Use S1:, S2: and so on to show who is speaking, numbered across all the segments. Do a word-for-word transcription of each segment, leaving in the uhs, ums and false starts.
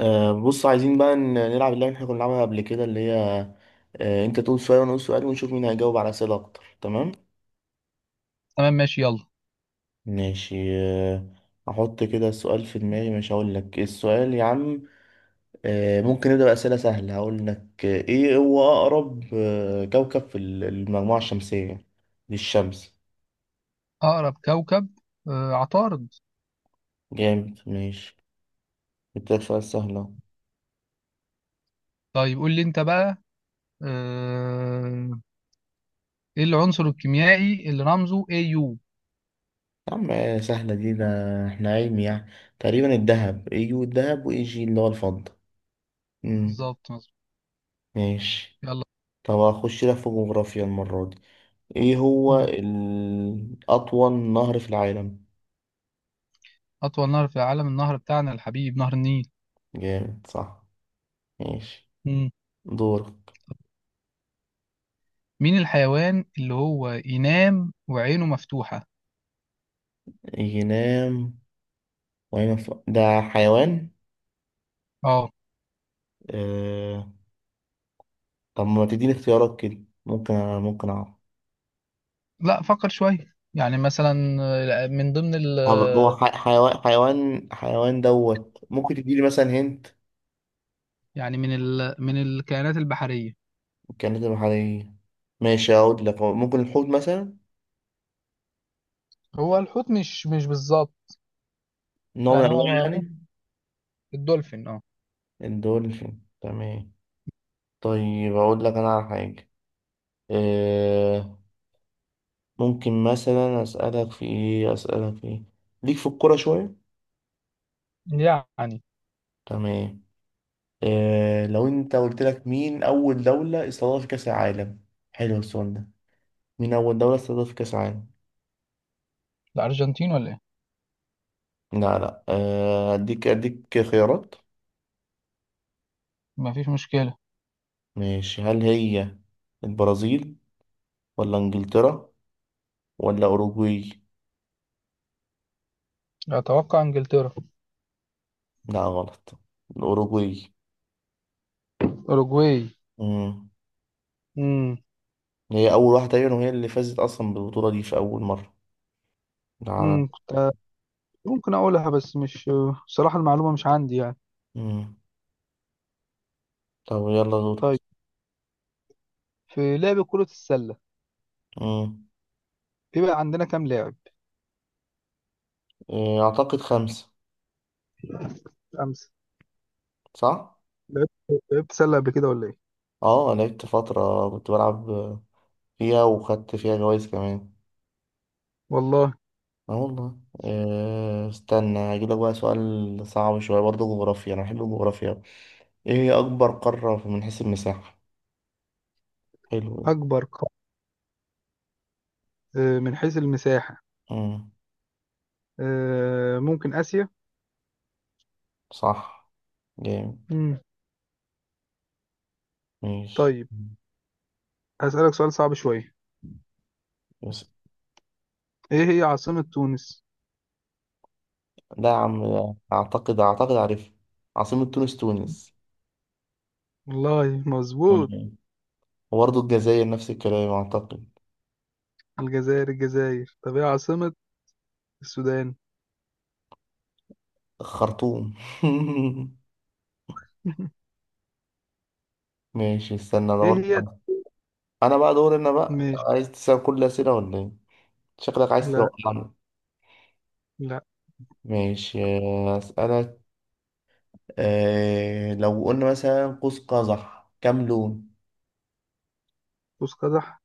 S1: آه، بص عايزين بقى ن- نلعب اللعبة اللي احنا كنا بنلعبها قبل كده اللي هي. آه، انت تقول سؤال وانا اقول سؤال ونشوف مين هيجاوب على اسئلة اكتر. تمام
S2: تمام، ماشي، يلا.
S1: ماشي. آه، احط كده السؤال في دماغي، مش هقول لك إيه السؤال يا عم. آه، ممكن نبدأ بأسئلة سهلة. هقول لك آه، ايه هو اقرب آه، كوكب في ال- المجموعة الشمسية للشمس؟
S2: أقرب كوكب. آه عطارد.
S1: جامد ماشي. اديتك سؤال سهل اهو.
S2: طيب، قول لي أنت بقى. آه إيه العنصر الكيميائي اللي رمزه A U؟
S1: يا عم آه، سهلة دي ده. احنا علمي يعني. تقريبا الدهب يجي الدهب ويجي اللي هو الفضة. مم،
S2: بالظبط، مظبوط.
S1: ماشي.
S2: يلا.
S1: طب هخش لك في جغرافيا المرة دي. ايه هو
S2: مم.
S1: ال- أطول نهر في العالم؟
S2: أطول نهر في العالم، النهر بتاعنا الحبيب، نهر النيل.
S1: جامد صح. ماشي
S2: مم.
S1: دورك.
S2: مين الحيوان اللي هو ينام وعينه مفتوحة؟
S1: ينام وأين ف- ده حيوان.
S2: أه.
S1: آه... طب ما تديني اختيارات كده، ممكن ممكن أعرف.
S2: لا، فكر شوية، يعني مثلا آه، من ضمن ال
S1: طب هو
S2: آه،
S1: ح- حيوان حيوان حيوان دوت، ممكن تديلي مثلا هنت.
S2: يعني من ال من الكائنات البحرية.
S1: كانت بحرية. ماشي أقول لك هو ممكن الحوت مثلا.
S2: هو الحوت، مش مش بالظبط.
S1: نوع من
S2: يعني
S1: أنواع
S2: هو ممكن
S1: يعني.
S2: الدولفين، اه.
S1: الدولفين تمام. طيب أقول لك أنا على حاجة. آه. ممكن مثلا أسألك في إيه، أسألك في إيه. ليك في الكورة شوية.
S2: يعني
S1: تمام. آه لو أنت قلت لك: مين أول دولة استضافت كأس العالم؟ حلو السؤال ده. مين أول دولة استضافت كأس العالم؟
S2: الأرجنتين ولا إيه؟
S1: لا لا، آه، أديك أديك خيارات.
S2: مفيش مشكلة.
S1: ماشي، هل هي البرازيل، ولا إنجلترا، ولا أوروجواي؟
S2: أتوقع إنجلترا.
S1: لا غلط. الأوروجواي.
S2: أوروجواي.
S1: مم.
S2: مم.
S1: هي أول واحدة تقريبا، وهي اللي فازت أصلا بالبطولة دي في أول مرة على.
S2: مم. كنت ممكن أقولها، بس مش... صراحة المعلومة مش عندي يعني.
S1: مم. طب يلا
S2: طيب،
S1: دورك.
S2: في لعب كرة السلة
S1: مم.
S2: بيبقى عندنا كام لاعب؟
S1: إيه، أعتقد خمسة.
S2: خمسة.
S1: صح؟
S2: لعبت لعبت سلة قبل كده ولا إيه؟
S1: اه لعبت فترة كنت بلعب فيها، وخدت فيها جوايز كمان.
S2: والله.
S1: اه والله. إيه، استنى هجيلك بقى سؤال صعب شوية برضه جغرافيا، أنا بحب الجغرافيا أوي. ايه هي أكبر قارة من حيث المساحة؟ حلو ده.
S2: أكبر قارة آه، من حيث المساحة.
S1: مم،
S2: آه، ممكن آسيا.
S1: صح جامد.
S2: مم.
S1: ماشي
S2: طيب، هسألك سؤال صعب شوية.
S1: بس.
S2: إيه هي عاصمة تونس؟
S1: لا يا عم لا. أعتقد أعتقد عارف. عاصمة تونس تونس.
S2: والله، مظبوط.
S1: مم. وبرضه الجزائر نفس الكلام أعتقد.
S2: الجزائر، الجزائر. طب إيه عاصمة السودان؟
S1: الخرطوم. ماشي استنى انا
S2: إيه هي.
S1: برضه. انا بقى دور، انا بقى. أنت
S2: ماشي.
S1: عايز تسال كل الاسئله ولا ايه؟ شكلك عايز
S2: لا،
S1: توقعني.
S2: لا.
S1: ماشي اسالك. آه لو قلنا مثلا قوس قزح كام لون؟
S2: قوس قزح.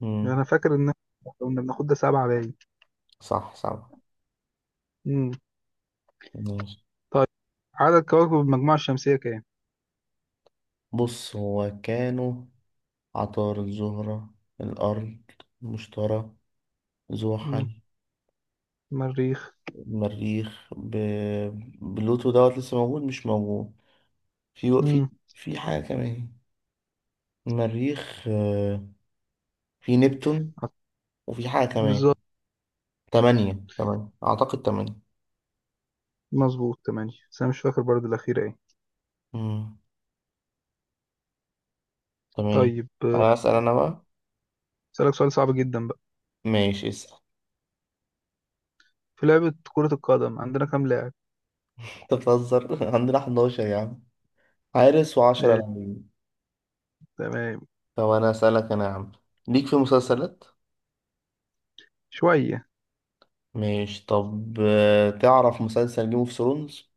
S1: مم.
S2: انا فاكر ان إحنا كنا بناخد ده سبعة باين.
S1: صح صح.
S2: امم
S1: ماشي.
S2: طيب، عدد كواكب المجموعة الشمسية كام؟
S1: بص هو كانوا: عطارد، الزهرة، الأرض، المشتري،
S2: امم
S1: زحل،
S2: مريخ.
S1: المريخ، ب... بلوتو دوت لسه موجود مش موجود. في في
S2: امم
S1: في حاجة كمان، المريخ، آه، في نبتون،
S2: عط-
S1: وفي حاجة كمان.
S2: بالظبط،
S1: تمانية، تمانية أعتقد تمانية.
S2: مظبوط، تمانية. بس انا مش فاكر برضه الأخيرة ايه.
S1: مم. تمام.
S2: طيب، آه،
S1: أنا أسأل أنا بقى.
S2: اسألك سؤال صعب جدا بقى.
S1: ماشي اسأل.
S2: في لعبة كرة القدم عندنا كام لاعب؟
S1: أنت بتهزر. عندنا حداشر يا عم، حارس وعشرة
S2: آه،
S1: لاعبين
S2: تمام.
S1: طب أنا أسألك أنا يا عم، ليك في مسلسلات؟
S2: شوية.
S1: ماشي طب، آه، تعرف مسلسل جيم اوف ثرونز؟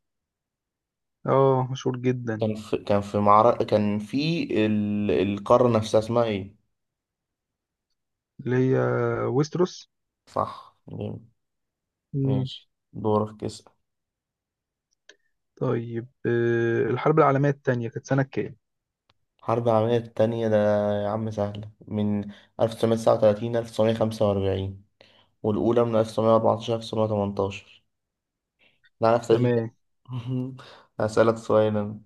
S2: اه، مشهور جدا.
S1: كان في كان في معركة، كان في ال... القارة نفسها اسمها ايه؟
S2: اللي هي ويستروس.
S1: صح جامد.
S2: امم
S1: ماشي دورك اسأل.
S2: طيب، آه، الحرب العالمية التانية كانت سنة كام؟
S1: الحرب العالمية التانية، ده يا عم سهلة، من ألف وتسعمية وتسعة وثلاثين ألف وتسعمية وخمسة وأربعين، والأولى من ألف وتسعمية وأربعتاشر ألف وتسعمية وتمنتاشر. لا نفس تاريخي بقى.
S2: تمام.
S1: هسألك سؤال أنا.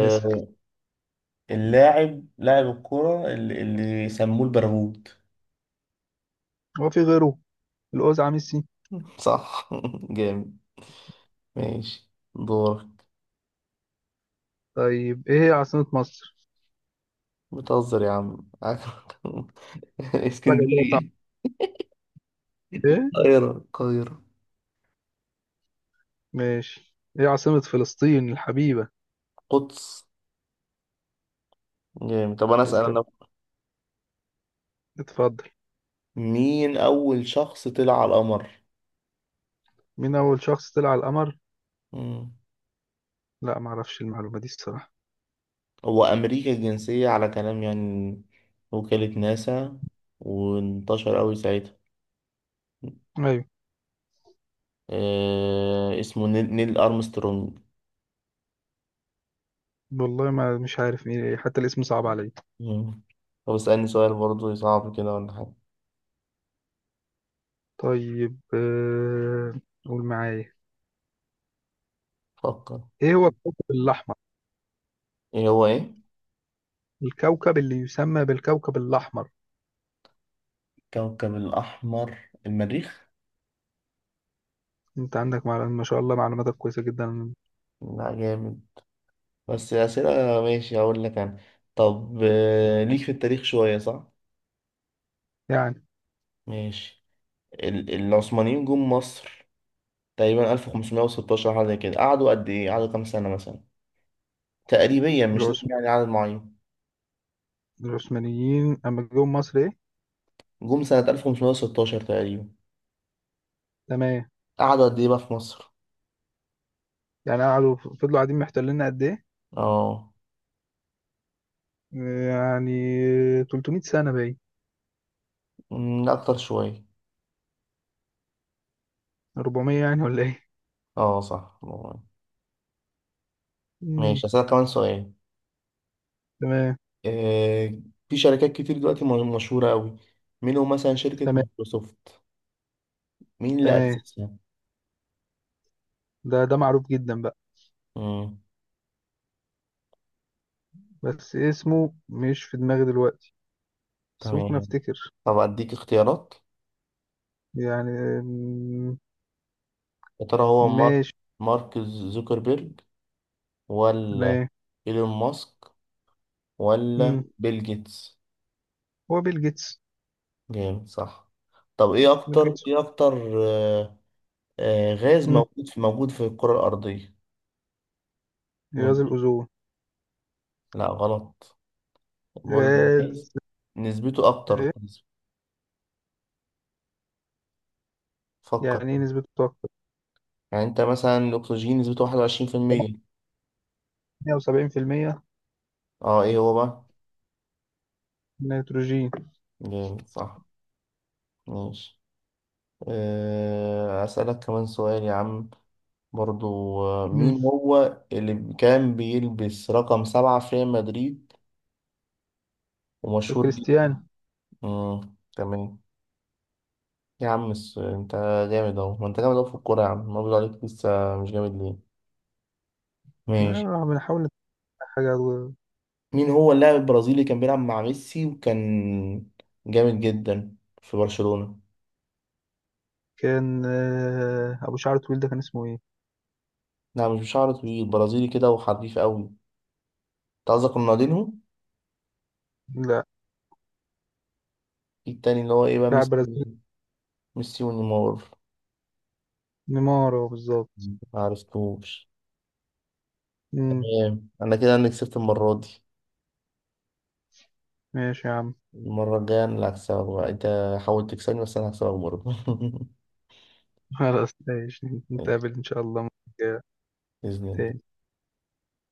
S2: اسأل.
S1: اللاعب لاعب الكرة اللي, اللي سموه البرغوت.
S2: هو في غيره؟ الأوزعة ميسي.
S1: صح جامد. ماشي دورك.
S2: طيب، ايه هي عاصمة مصر؟
S1: بتهزر يا عم.
S2: حاجة كده
S1: اسكندرية.
S2: صعبة. ايه؟
S1: القاهرة القاهرة.
S2: ماشي، ايه عاصمة فلسطين الحبيبة؟
S1: قدس. جامد. طب أنا أسأل
S2: تسلم.
S1: أنا.
S2: اتفضل.
S1: مين أول شخص طلع على القمر؟
S2: مين أول شخص طلع على القمر؟
S1: مم.
S2: لا، معرفش المعلومة دي الصراحة.
S1: هو أمريكا الجنسية على كلام يعني، وكالة ناسا، وانتشر أوي ساعتها.
S2: أيوة.
S1: آه اسمه نيل, نيل أرمسترونج.
S2: والله ما مش عارف مين إيه. حتى الاسم صعب عليا.
S1: مم. طب اسألني سؤال برضه صعب كده ولا حاجة.
S2: طيب، آه، قول معايا.
S1: فكر.
S2: ايه هو الكوكب الأحمر؟
S1: إيه هو إيه؟
S2: الكوكب اللي يسمى بالكوكب الأحمر.
S1: كوكب الأحمر المريخ؟
S2: انت عندك معلومة، ما شاء الله، معلوماتك كويسة جدا.
S1: لا جامد، بس أسئلة. ماشي هقول لك أنا. طب آه، ليك في التاريخ شوية صح؟
S2: يعني،
S1: ماشي. ال- العثمانيين جم مصر تقريبا ألف وخمسمية وستاشر، حاجة زي كده. قعدوا قد إيه؟ قعدوا كام سنة مثلا؟ تقريبا مش لازم
S2: العثم...
S1: يعني عدد معين.
S2: العثمانيين أما جم مصر ايه؟
S1: جم سنة ألف وخمسمائة وستة عشر تقريبا.
S2: تمام.
S1: قعدوا قد إيه بقى في مصر؟
S2: يعني قعدوا، فضلوا قاعدين محتليننا قد ايه؟
S1: اه.
S2: يعني تلتمية سنة باين.
S1: أمم، أكتر شوية.
S2: أربعمائة يعني ولا ايه.
S1: اه صح.
S2: مم.
S1: ماشي هسألك كمان سؤال.
S2: تمام،
S1: آه في شركات كتير دلوقتي م- مشهورة أوي، منهم مثلا شركة
S2: تمام،
S1: مايكروسوفت. مين اللي
S2: تمام.
S1: أسسها؟
S2: ده ده معروف جدا بقى،
S1: مم.
S2: بس اسمه مش في دماغي دلوقتي. بس ممكن
S1: تمام.
S2: افتكر.
S1: طب أديك اختيارات.
S2: يعني. مم،
S1: يا ترى هو مارك،
S2: ماشي.
S1: مارك زوكربيرج، ولا
S2: تمام.
S1: إيلون ماسك، ولا
S2: مم.
S1: بيل جيتس؟
S2: هو بيل جيتس.
S1: جامد صح. طب ايه
S2: بيل
S1: اكتر
S2: جيتس.
S1: ايه اكتر. آه، آه، غاز
S2: مم.
S1: موجود في، موجود في الكرة الأرضية.
S2: غاز
S1: ممكن.
S2: الأوزون.
S1: لا غلط، بقول لك
S2: غاز.
S1: غاز نسبته اكتر.
S2: إيه؟
S1: فكر.
S2: يعني ايه نسبته اكتر؟
S1: يعني انت مثلا الاكسجين نسبته واحد وعشرين في المية.
S2: تمانية وسبعين بالمية.
S1: اه ايه هو بقى؟
S2: نيتروجين.
S1: جامد صح. ماشي. آه، اسألك كمان سؤال يا عم برضو. آه،
S2: مم.
S1: مين هو اللي كان بيلبس رقم سبعة في ريال مدريد ومشهور جدا؟
S2: كريستيانو.
S1: مم، تمام. يا عم الس- انت جامد اهو. ما انت جامد اهو في الكورة يا عم، ما بيقول عليك لسه مش جامد ليه؟ ماشي.
S2: آه، بنحاول نتابع حاجة.
S1: مين هو اللاعب البرازيلي كان بيلعب مع ميسي، وكان جامد جدا في برشلونة؟
S2: كان آه، أبو شعر طويل، ده كان اسمه إيه؟
S1: لا مش بشعر طويل، برازيلي كده وحريف قوي انت. قصدك رونالدينهو.
S2: لا.
S1: في التاني اللي هو ايه بقى؟
S2: لاعب
S1: ميسي.
S2: برازيلي.
S1: ميسي ونيمار.
S2: نيمار هو بالظبط.
S1: ما عرفتوش.
S2: مم.
S1: تمام، انا كده انا كسبت المرة دي.
S2: ماشي يا عم.
S1: المرة الجاية انا اللي هكسبك بقى انت. حاول تكسبني بس انا هكسبك برضه.
S2: خلاص، ماشي، نتقابل إن شاء الله مرة جاية
S1: بإذن الله.
S2: تاني.